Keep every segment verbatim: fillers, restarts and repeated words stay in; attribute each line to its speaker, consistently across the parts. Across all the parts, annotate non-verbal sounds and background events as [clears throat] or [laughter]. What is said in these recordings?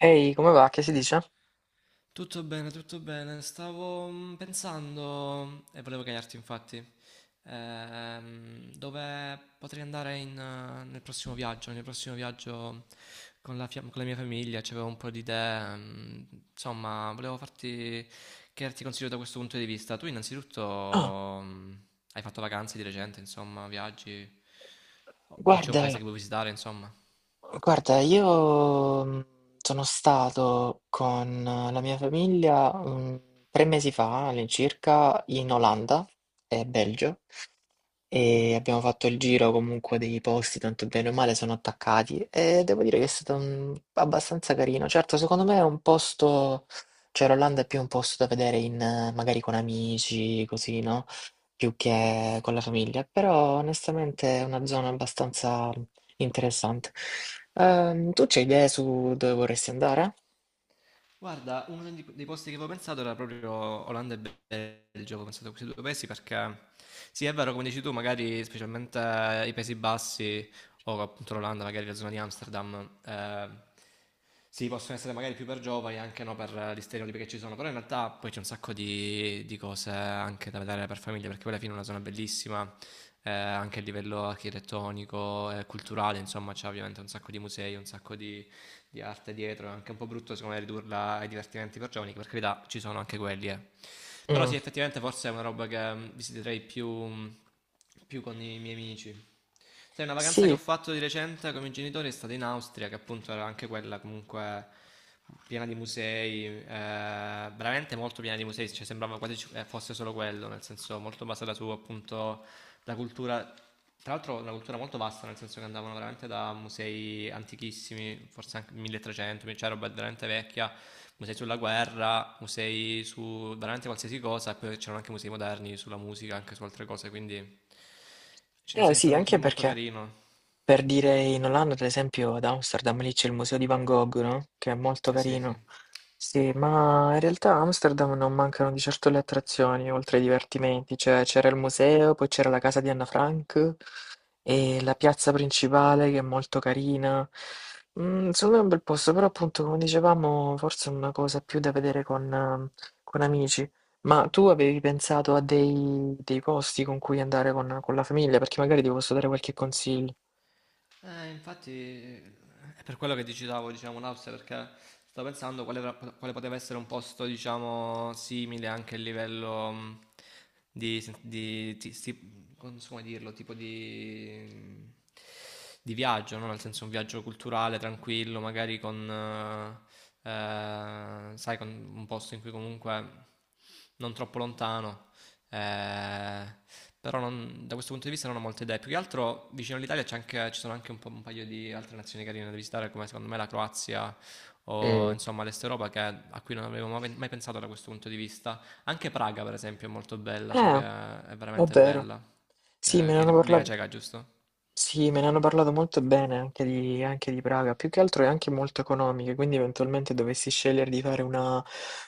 Speaker 1: Ehi, come va? Che si dice?
Speaker 2: Tutto bene, tutto bene. Stavo mm, pensando e volevo chiederti, infatti, ehm, dove potrei andare in, eh, nel prossimo viaggio, nel prossimo viaggio con la, fia- con la mia famiglia, c'avevo un po' di idee, mm, insomma, volevo farti chiederti consiglio da questo punto di vista. Tu innanzitutto
Speaker 1: Ah,
Speaker 2: mm, hai fatto vacanze di recente, insomma, viaggi o, o c'è un paese
Speaker 1: guarda,
Speaker 2: che vuoi visitare, insomma?
Speaker 1: guarda, io mm, sono stato con eh, la mia famiglia mm, tre mesi fa all'incirca in Olanda e Belgio e
Speaker 2: Mm.
Speaker 1: abbiamo fatto il giro comunque dei posti, tanto bene o male sono attaccati e devo dire che è stato mm, abbastanza carino. Certo, secondo me è un posto, cioè l'Olanda è più un posto da vedere in, eh, magari con amici, così, no? Più che con la famiglia, però onestamente è una zona abbastanza interessante. Ehm, tu c'hai idee su dove vorresti andare?
Speaker 2: Guarda, uno di- dei posti che avevo pensato era proprio Olanda e Belgio, avevo pensato a questi due paesi perché sì, è vero, come dici tu, magari specialmente eh, i Paesi Bassi o appunto l'Olanda, magari la zona di Amsterdam, eh, sì, possono essere magari più per giovani, anche no per eh, gli stereotipi che ci sono, però in realtà poi c'è un sacco di, di cose anche da vedere per famiglie, perché poi alla fine è una zona bellissima, eh, anche a livello architettonico e culturale, insomma, c'è ovviamente un sacco di musei, un sacco di di arte dietro, è anche un po' brutto secondo me ridurla ai divertimenti per giovani, che per carità ci sono anche quelli, eh. Però
Speaker 1: Mm.
Speaker 2: sì, effettivamente forse è una roba che mm, visiterei più, mm, più con i miei amici. Sai, una vacanza che ho
Speaker 1: Sì,
Speaker 2: fatto di recente con i miei genitori è stata in Austria, che appunto era anche quella comunque piena di musei, eh, veramente molto piena di musei, cioè sembrava quasi ci- eh, fosse solo quello, nel senso molto basata su appunto la cultura, tra l'altro una cultura molto vasta, nel senso che andavano veramente da musei antichissimi, forse anche milletrecento, cioè roba veramente vecchia, musei sulla guerra, musei su veramente qualsiasi cosa, e poi c'erano anche musei moderni sulla musica, anche su altre cose, quindi cioè,
Speaker 1: eh,
Speaker 2: è
Speaker 1: sì,
Speaker 2: stato molto,
Speaker 1: anche
Speaker 2: molto
Speaker 1: perché
Speaker 2: carino.
Speaker 1: per dire in Olanda, ad esempio, ad Amsterdam lì c'è il museo di Van Gogh, no? Che è molto
Speaker 2: Eh sì, sì.
Speaker 1: carino. Sì, ma in realtà a Amsterdam non mancano di certo le attrazioni, oltre ai divertimenti. Cioè, c'era il museo, poi c'era la casa di Anna Frank
Speaker 2: Mm.
Speaker 1: e la piazza principale che è molto carina. Mm, secondo me è un bel posto, però appunto, come dicevamo, forse è una cosa più da vedere con, ehm, con amici. Ma tu avevi pensato a dei, dei posti con cui andare con, con la famiglia? Perché magari ti posso dare qualche consiglio.
Speaker 2: Eh, infatti è per quello che ti citavo, diciamo, l'Austria, perché stavo pensando quale, tra- quale poteva essere un posto, diciamo, simile anche a livello mh, di, sen- di- ti- sti- non so come dirlo, tipo di, di viaggio, no? Nel senso un viaggio culturale, tranquillo, magari con, eh, eh, sai, con un posto in cui comunque non troppo lontano eh, però non- da questo punto di vista non ho molte idee. Più che altro vicino all'Italia c'è anche- ci sono anche un, po', un paio di altre nazioni carine da visitare, come secondo me la Croazia o
Speaker 1: Mm.
Speaker 2: insomma l'Est Europa, che- a cui non avevo mai mai pensato da questo punto di vista. Anche Praga, per esempio, è molto bella, so che
Speaker 1: Eh,
Speaker 2: è
Speaker 1: è
Speaker 2: veramente
Speaker 1: vero.
Speaker 2: bella, che,
Speaker 1: Sì, me
Speaker 2: che
Speaker 1: ne
Speaker 2: è in
Speaker 1: hanno
Speaker 2: Repubblica
Speaker 1: parla-
Speaker 2: Ceca, giusto?
Speaker 1: sì, me ne hanno parlato molto bene anche di, anche di Praga. Più che altro è anche molto economica, quindi eventualmente dovessi scegliere di fare una,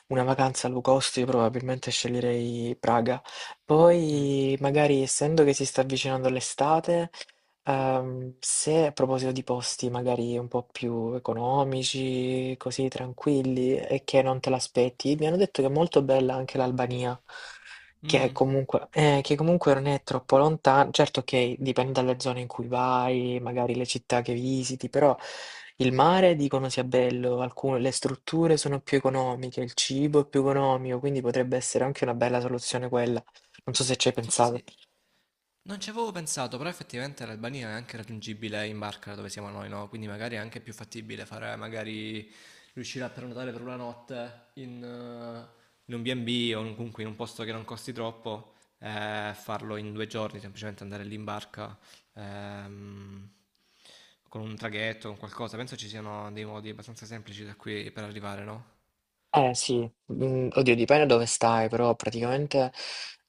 Speaker 1: una vacanza low cost, io probabilmente sceglierei Praga.
Speaker 2: Mm.
Speaker 1: Poi, magari, essendo che si sta avvicinando l'estate, ehm, se a proposito di posti magari un po' più economici, così tranquilli e che non te l'aspetti, mi hanno detto che è molto bella anche l'Albania. Che
Speaker 2: Mm,
Speaker 1: comunque, eh, che comunque non è troppo lontano, certo che dipende dalle zone in cui vai, magari le città che visiti, però il mare dicono sia bello, alcune, le strutture sono più economiche, il cibo è più economico, quindi potrebbe essere anche una bella soluzione quella. Non so se ci hai pensato.
Speaker 2: sì. Non ci avevo pensato, però effettivamente l'Albania è anche raggiungibile in barca da dove siamo noi, no? Quindi magari è anche più fattibile fare, magari riuscire a prenotare per una notte in, eh, in un B e B o in- comunque in un posto che non costi troppo, eh, farlo in due giorni, semplicemente andare lì in barca, ehm, con un traghetto, con qualcosa. Penso ci siano dei modi abbastanza semplici da qui per arrivare, no?
Speaker 1: Eh sì, mhmm, oddio dipende dove stai, però praticamente,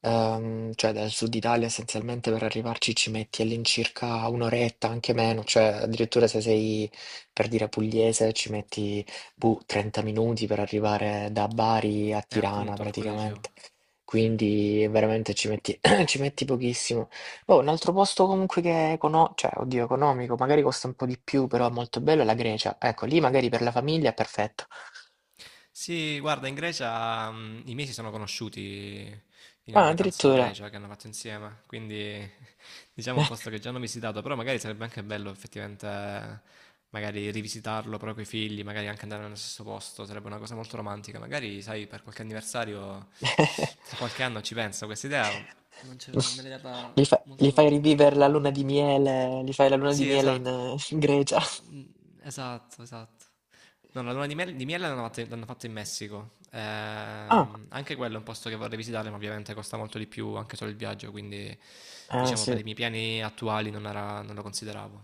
Speaker 1: ehm, cioè dal sud Italia essenzialmente per arrivarci ci metti all'incirca un' oretta, anche meno, cioè addirittura se sei, per dire, pugliese ci metti, boh, trenta minuti per arrivare da Bari a
Speaker 2: E
Speaker 1: Tirana
Speaker 2: appunto, per quello dicevo.
Speaker 1: praticamente. Quindi veramente ci metti [clears throat] ci metti pochissimo. Oh, un altro posto comunque che è econo cioè oddio economico, magari costa un po' di più, però è molto bello è la Grecia. Ecco, lì magari per la famiglia è perfetto.
Speaker 2: Sì, guarda, in Grecia mm, i miei si sono conosciuti in una
Speaker 1: Ah,
Speaker 2: vacanza in
Speaker 1: addirittura.
Speaker 2: Grecia che hanno fatto insieme, quindi [laughs] diciamo un posto che già hanno visitato, però magari sarebbe anche bello effettivamente eh, magari rivisitarlo proprio con i figli, magari anche andare nello stesso posto, sarebbe una cosa molto romantica, magari sai per qualche anniversario tra
Speaker 1: [laughs]
Speaker 2: qualche anno ci penso, questa idea non ce- me l'hai data
Speaker 1: Gli fa- gli
Speaker 2: molto,
Speaker 1: fai rivivere
Speaker 2: molto
Speaker 1: la luna di miele, gli fai la luna di
Speaker 2: sì,
Speaker 1: miele in,
Speaker 2: esatto.
Speaker 1: eh, in Grecia.
Speaker 2: Mm. Esatto, esatto. No, la luna di, mel- di miele l'hanno fatta l'hanno fatta in Messico.
Speaker 1: Ah,
Speaker 2: Ehm, anche quello è un posto che vorrei visitare, ma ovviamente costa molto di più anche solo il viaggio, quindi
Speaker 1: eh,
Speaker 2: diciamo per
Speaker 1: sì.
Speaker 2: i miei piani attuali non era- non lo consideravo.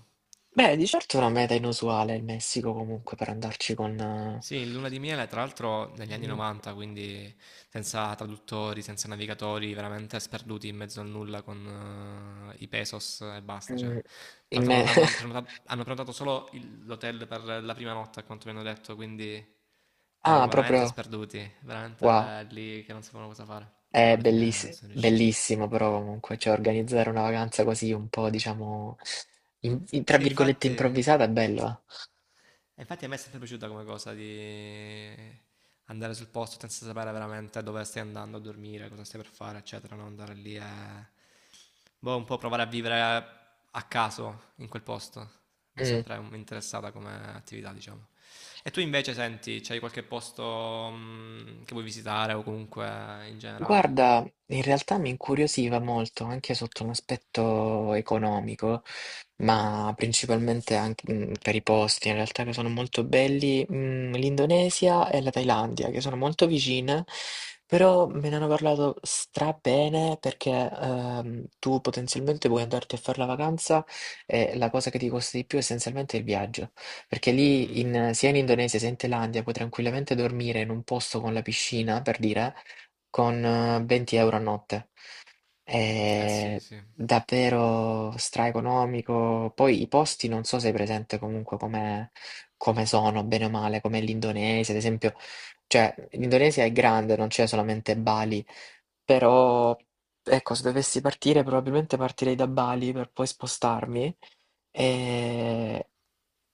Speaker 1: Beh, di certo è una meta inusuale il Messico comunque per andarci con... eh,
Speaker 2: Sì, in Luna di Miele, tra l'altro negli anni
Speaker 1: mm,
Speaker 2: novanta, quindi senza traduttori, senza navigatori, veramente sperduti in mezzo al nulla con eh, i pesos e basta. Cioè.
Speaker 1: mm,
Speaker 2: Tra
Speaker 1: in
Speaker 2: l'altro
Speaker 1: me-
Speaker 2: non
Speaker 1: [laughs]
Speaker 2: hanno prenota- hanno prenotato, solo il- l'hotel per la prima notte, a quanto mi hanno detto, quindi erano
Speaker 1: Ah,
Speaker 2: veramente
Speaker 1: proprio...
Speaker 2: sperduti,
Speaker 1: Wow,
Speaker 2: veramente lì che non sapevano cosa fare, però
Speaker 1: è
Speaker 2: alla fine
Speaker 1: belliss-
Speaker 2: sono riusciti.
Speaker 1: bellissimo però comunque, cioè organizzare una vacanza così un po', diciamo, in- in- tra
Speaker 2: Sì,
Speaker 1: virgolette
Speaker 2: infatti.
Speaker 1: improvvisata è bello.
Speaker 2: E infatti a me è sempre piaciuta come cosa di andare sul posto senza sapere veramente dove stai andando a dormire, cosa stai per fare, eccetera, non andare lì e. Boh, un po' provare a vivere a caso in quel posto. Mi è
Speaker 1: Eh. Mm.
Speaker 2: sempre interessata come attività, diciamo. E tu invece senti, c'hai qualche posto mm, che vuoi visitare o comunque in generale?
Speaker 1: Guarda, in realtà mi incuriosiva molto anche sotto un aspetto economico, ma principalmente anche mm, per i posti, in realtà che sono molto belli, mm, l'Indonesia e la Thailandia, che sono molto vicine, però me ne hanno parlato stra bene perché ehm, tu potenzialmente puoi andarti a fare la vacanza e la cosa che ti costa di più essenzialmente è il viaggio, perché lì
Speaker 2: Mm.
Speaker 1: in- sia in Indonesia sia in Thailandia puoi tranquillamente dormire in un posto con la piscina, per dire con eh, venti euro a notte.
Speaker 2: Eh
Speaker 1: È
Speaker 2: sì, sì.
Speaker 1: davvero straeconomico. Poi i posti non so se hai presente comunque come, come sono, bene o male, come l'Indonesia, ad esempio. Cioè, l'Indonesia è grande, non c'è solamente Bali, però ecco, se dovessi partire, probabilmente partirei da Bali per poi spostarmi. E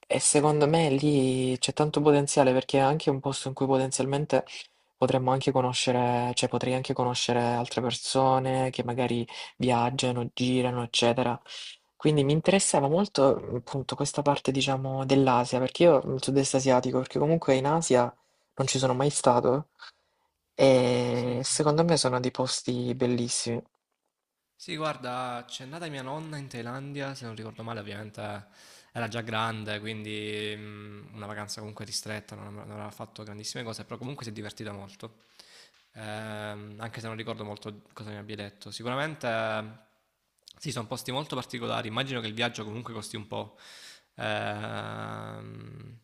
Speaker 1: e secondo me lì c'è tanto potenziale perché è anche un posto in cui potenzialmente potremmo anche conoscere, cioè potrei anche conoscere altre persone che magari viaggiano, girano, eccetera. Quindi mi interessava molto mm, appunto questa parte, diciamo, dell'Asia, perché io il sud-est asiatico, perché comunque in Asia non ci sono mai stato e
Speaker 2: Sì, sì.
Speaker 1: secondo me sono dei posti bellissimi.
Speaker 2: Sì, guarda, c'è nata mia nonna in Thailandia, se non ricordo male, ovviamente eh, era già grande, quindi mm, una vacanza comunque ristretta, non non aveva fatto grandissime cose, però comunque si è divertita molto ehm, anche se non ricordo molto cosa mi abbia detto. Sicuramente ehm, sì, sono posti molto particolari, immagino che il viaggio comunque costi un po'. Ehm,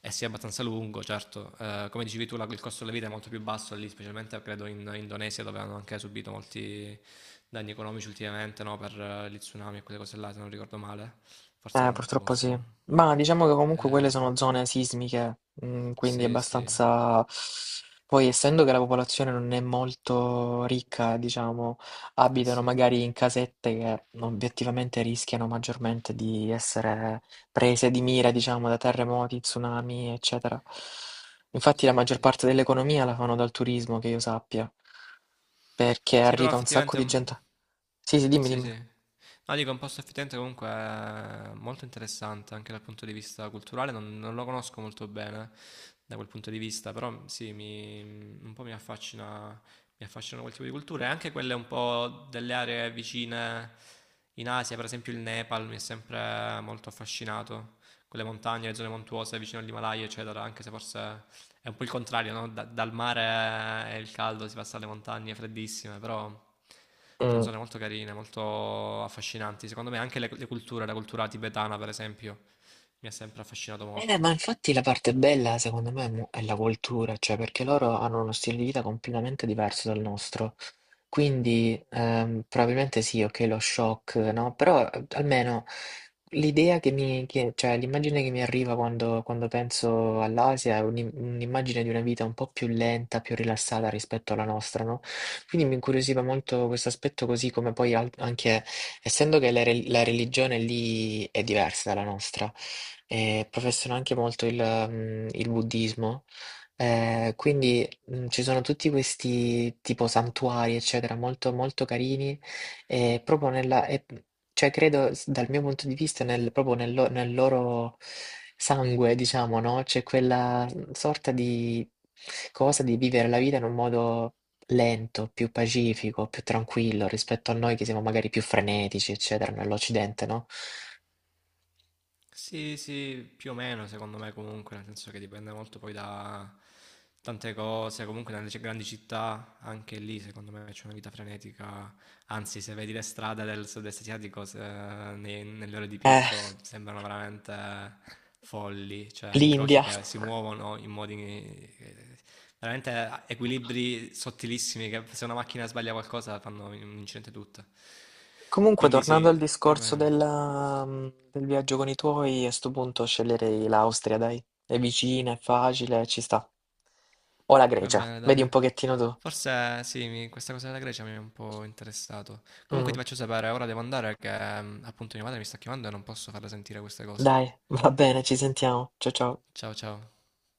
Speaker 2: e sia abbastanza lungo, certo. Eh, come dicevi tu, la- il costo della vita è molto più basso lì, specialmente credo in Indonesia, dove hanno anche subito molti danni economici ultimamente, no? Per eh, gli tsunami e quelle cose là, se non ricordo male. Forse
Speaker 1: Eh,
Speaker 2: era un altro
Speaker 1: purtroppo
Speaker 2: posto,
Speaker 1: sì.
Speaker 2: però.
Speaker 1: Ma diciamo che comunque
Speaker 2: Eh,
Speaker 1: quelle sono zone sismiche, mm, quindi
Speaker 2: sì, sì.
Speaker 1: abbastanza... Poi, essendo che la popolazione non è molto ricca, diciamo,
Speaker 2: Eh
Speaker 1: abitano
Speaker 2: sì.
Speaker 1: magari in casette che obiettivamente rischiano maggiormente di essere prese di mira, diciamo, da terremoti, tsunami, eccetera. Infatti la
Speaker 2: Sì,
Speaker 1: maggior
Speaker 2: sì.
Speaker 1: parte dell'economia la fanno dal turismo, che io sappia, perché
Speaker 2: Sì, però
Speaker 1: arriva un sacco
Speaker 2: effettivamente
Speaker 1: di
Speaker 2: mm,
Speaker 1: gente. Sì, sì, dimmi,
Speaker 2: sì,
Speaker 1: dimmi.
Speaker 2: sì. No, dico, un posto a Firenze comunque è molto interessante anche dal punto di vista culturale, non, non lo conosco molto bene, da quel punto di vista, però sì, mi, un po' mi affascina, mi affascinano quel tipo di culture, e anche quelle un po' delle aree vicine in Asia, per esempio il Nepal mi è sempre molto affascinato, quelle montagne, le zone montuose vicino all'Himalaya, eccetera, anche se forse è un po' il contrario, no? Da- dal mare è il caldo, si passa alle montagne freddissime, però sono
Speaker 1: Mm.
Speaker 2: zone molto carine, molto affascinanti, secondo me anche le, le culture, la cultura tibetana per esempio, mi ha sempre affascinato
Speaker 1: Eh,
Speaker 2: molto.
Speaker 1: ma infatti la parte bella secondo me mo- è la cultura, cioè perché loro hanno uno stile di vita completamente diverso dal nostro. Quindi ehm, probabilmente sì, ok, lo shock, no? Però eh, almeno l'idea che mi, che- cioè l'immagine che mi arriva quando, quando penso all'Asia è un'im- un'immagine di una vita un po' più lenta, più rilassata rispetto alla nostra, no? Quindi mi incuriosiva molto questo aspetto così come poi al- anche, essendo che la re- la religione lì è diversa dalla nostra e professano anche molto il, mhmm, il buddismo. Ehm, quindi, mhmm, ci sono tutti questi tipo santuari, eccetera, molto, molto carini e proprio nella e mhmm, cioè credo s dal mio punto di vista nel proprio nel lo nel loro sangue, diciamo, no, c'è quella, mhmm, sorta di cosa di vivere la vita in un modo lento, più pacifico, più tranquillo rispetto a noi che siamo magari più frenetici, eccetera, nell'Occidente, no?
Speaker 2: Sì, sì, più o meno secondo me comunque, nel senso che dipende molto poi da tante cose, comunque nelle c- grandi città anche lì secondo me c'è una vita frenetica, anzi se vedi le strade del sud-est asiatico se- nei- nelle ore di
Speaker 1: Eh,
Speaker 2: picco sembrano veramente folli, cioè incroci
Speaker 1: l'India.
Speaker 2: che si muovono in modi eh, veramente equilibri sottilissimi che se una macchina sbaglia qualcosa fanno un incidente tutta.
Speaker 1: Comunque,
Speaker 2: Quindi
Speaker 1: tornando
Speaker 2: sì,
Speaker 1: al
Speaker 2: più o
Speaker 1: discorso
Speaker 2: meno.
Speaker 1: della, mm, del viaggio con i tuoi, a sto punto sceglierei l'Austria, dai. È vicina, è facile, ci sta. O la
Speaker 2: Va
Speaker 1: Grecia,
Speaker 2: bene,
Speaker 1: vedi
Speaker 2: dai.
Speaker 1: un pochettino tu.
Speaker 2: Forse sì, mi- questa cosa della Grecia mi è un po' interessato. Comunque
Speaker 1: Mm,
Speaker 2: ti faccio sapere, ora devo andare che mm, appunto mia madre mi sta chiamando e non posso farle sentire queste cose.
Speaker 1: dai, [laughs] va bene, ci sentiamo. Ciao ciao.
Speaker 2: Ciao ciao.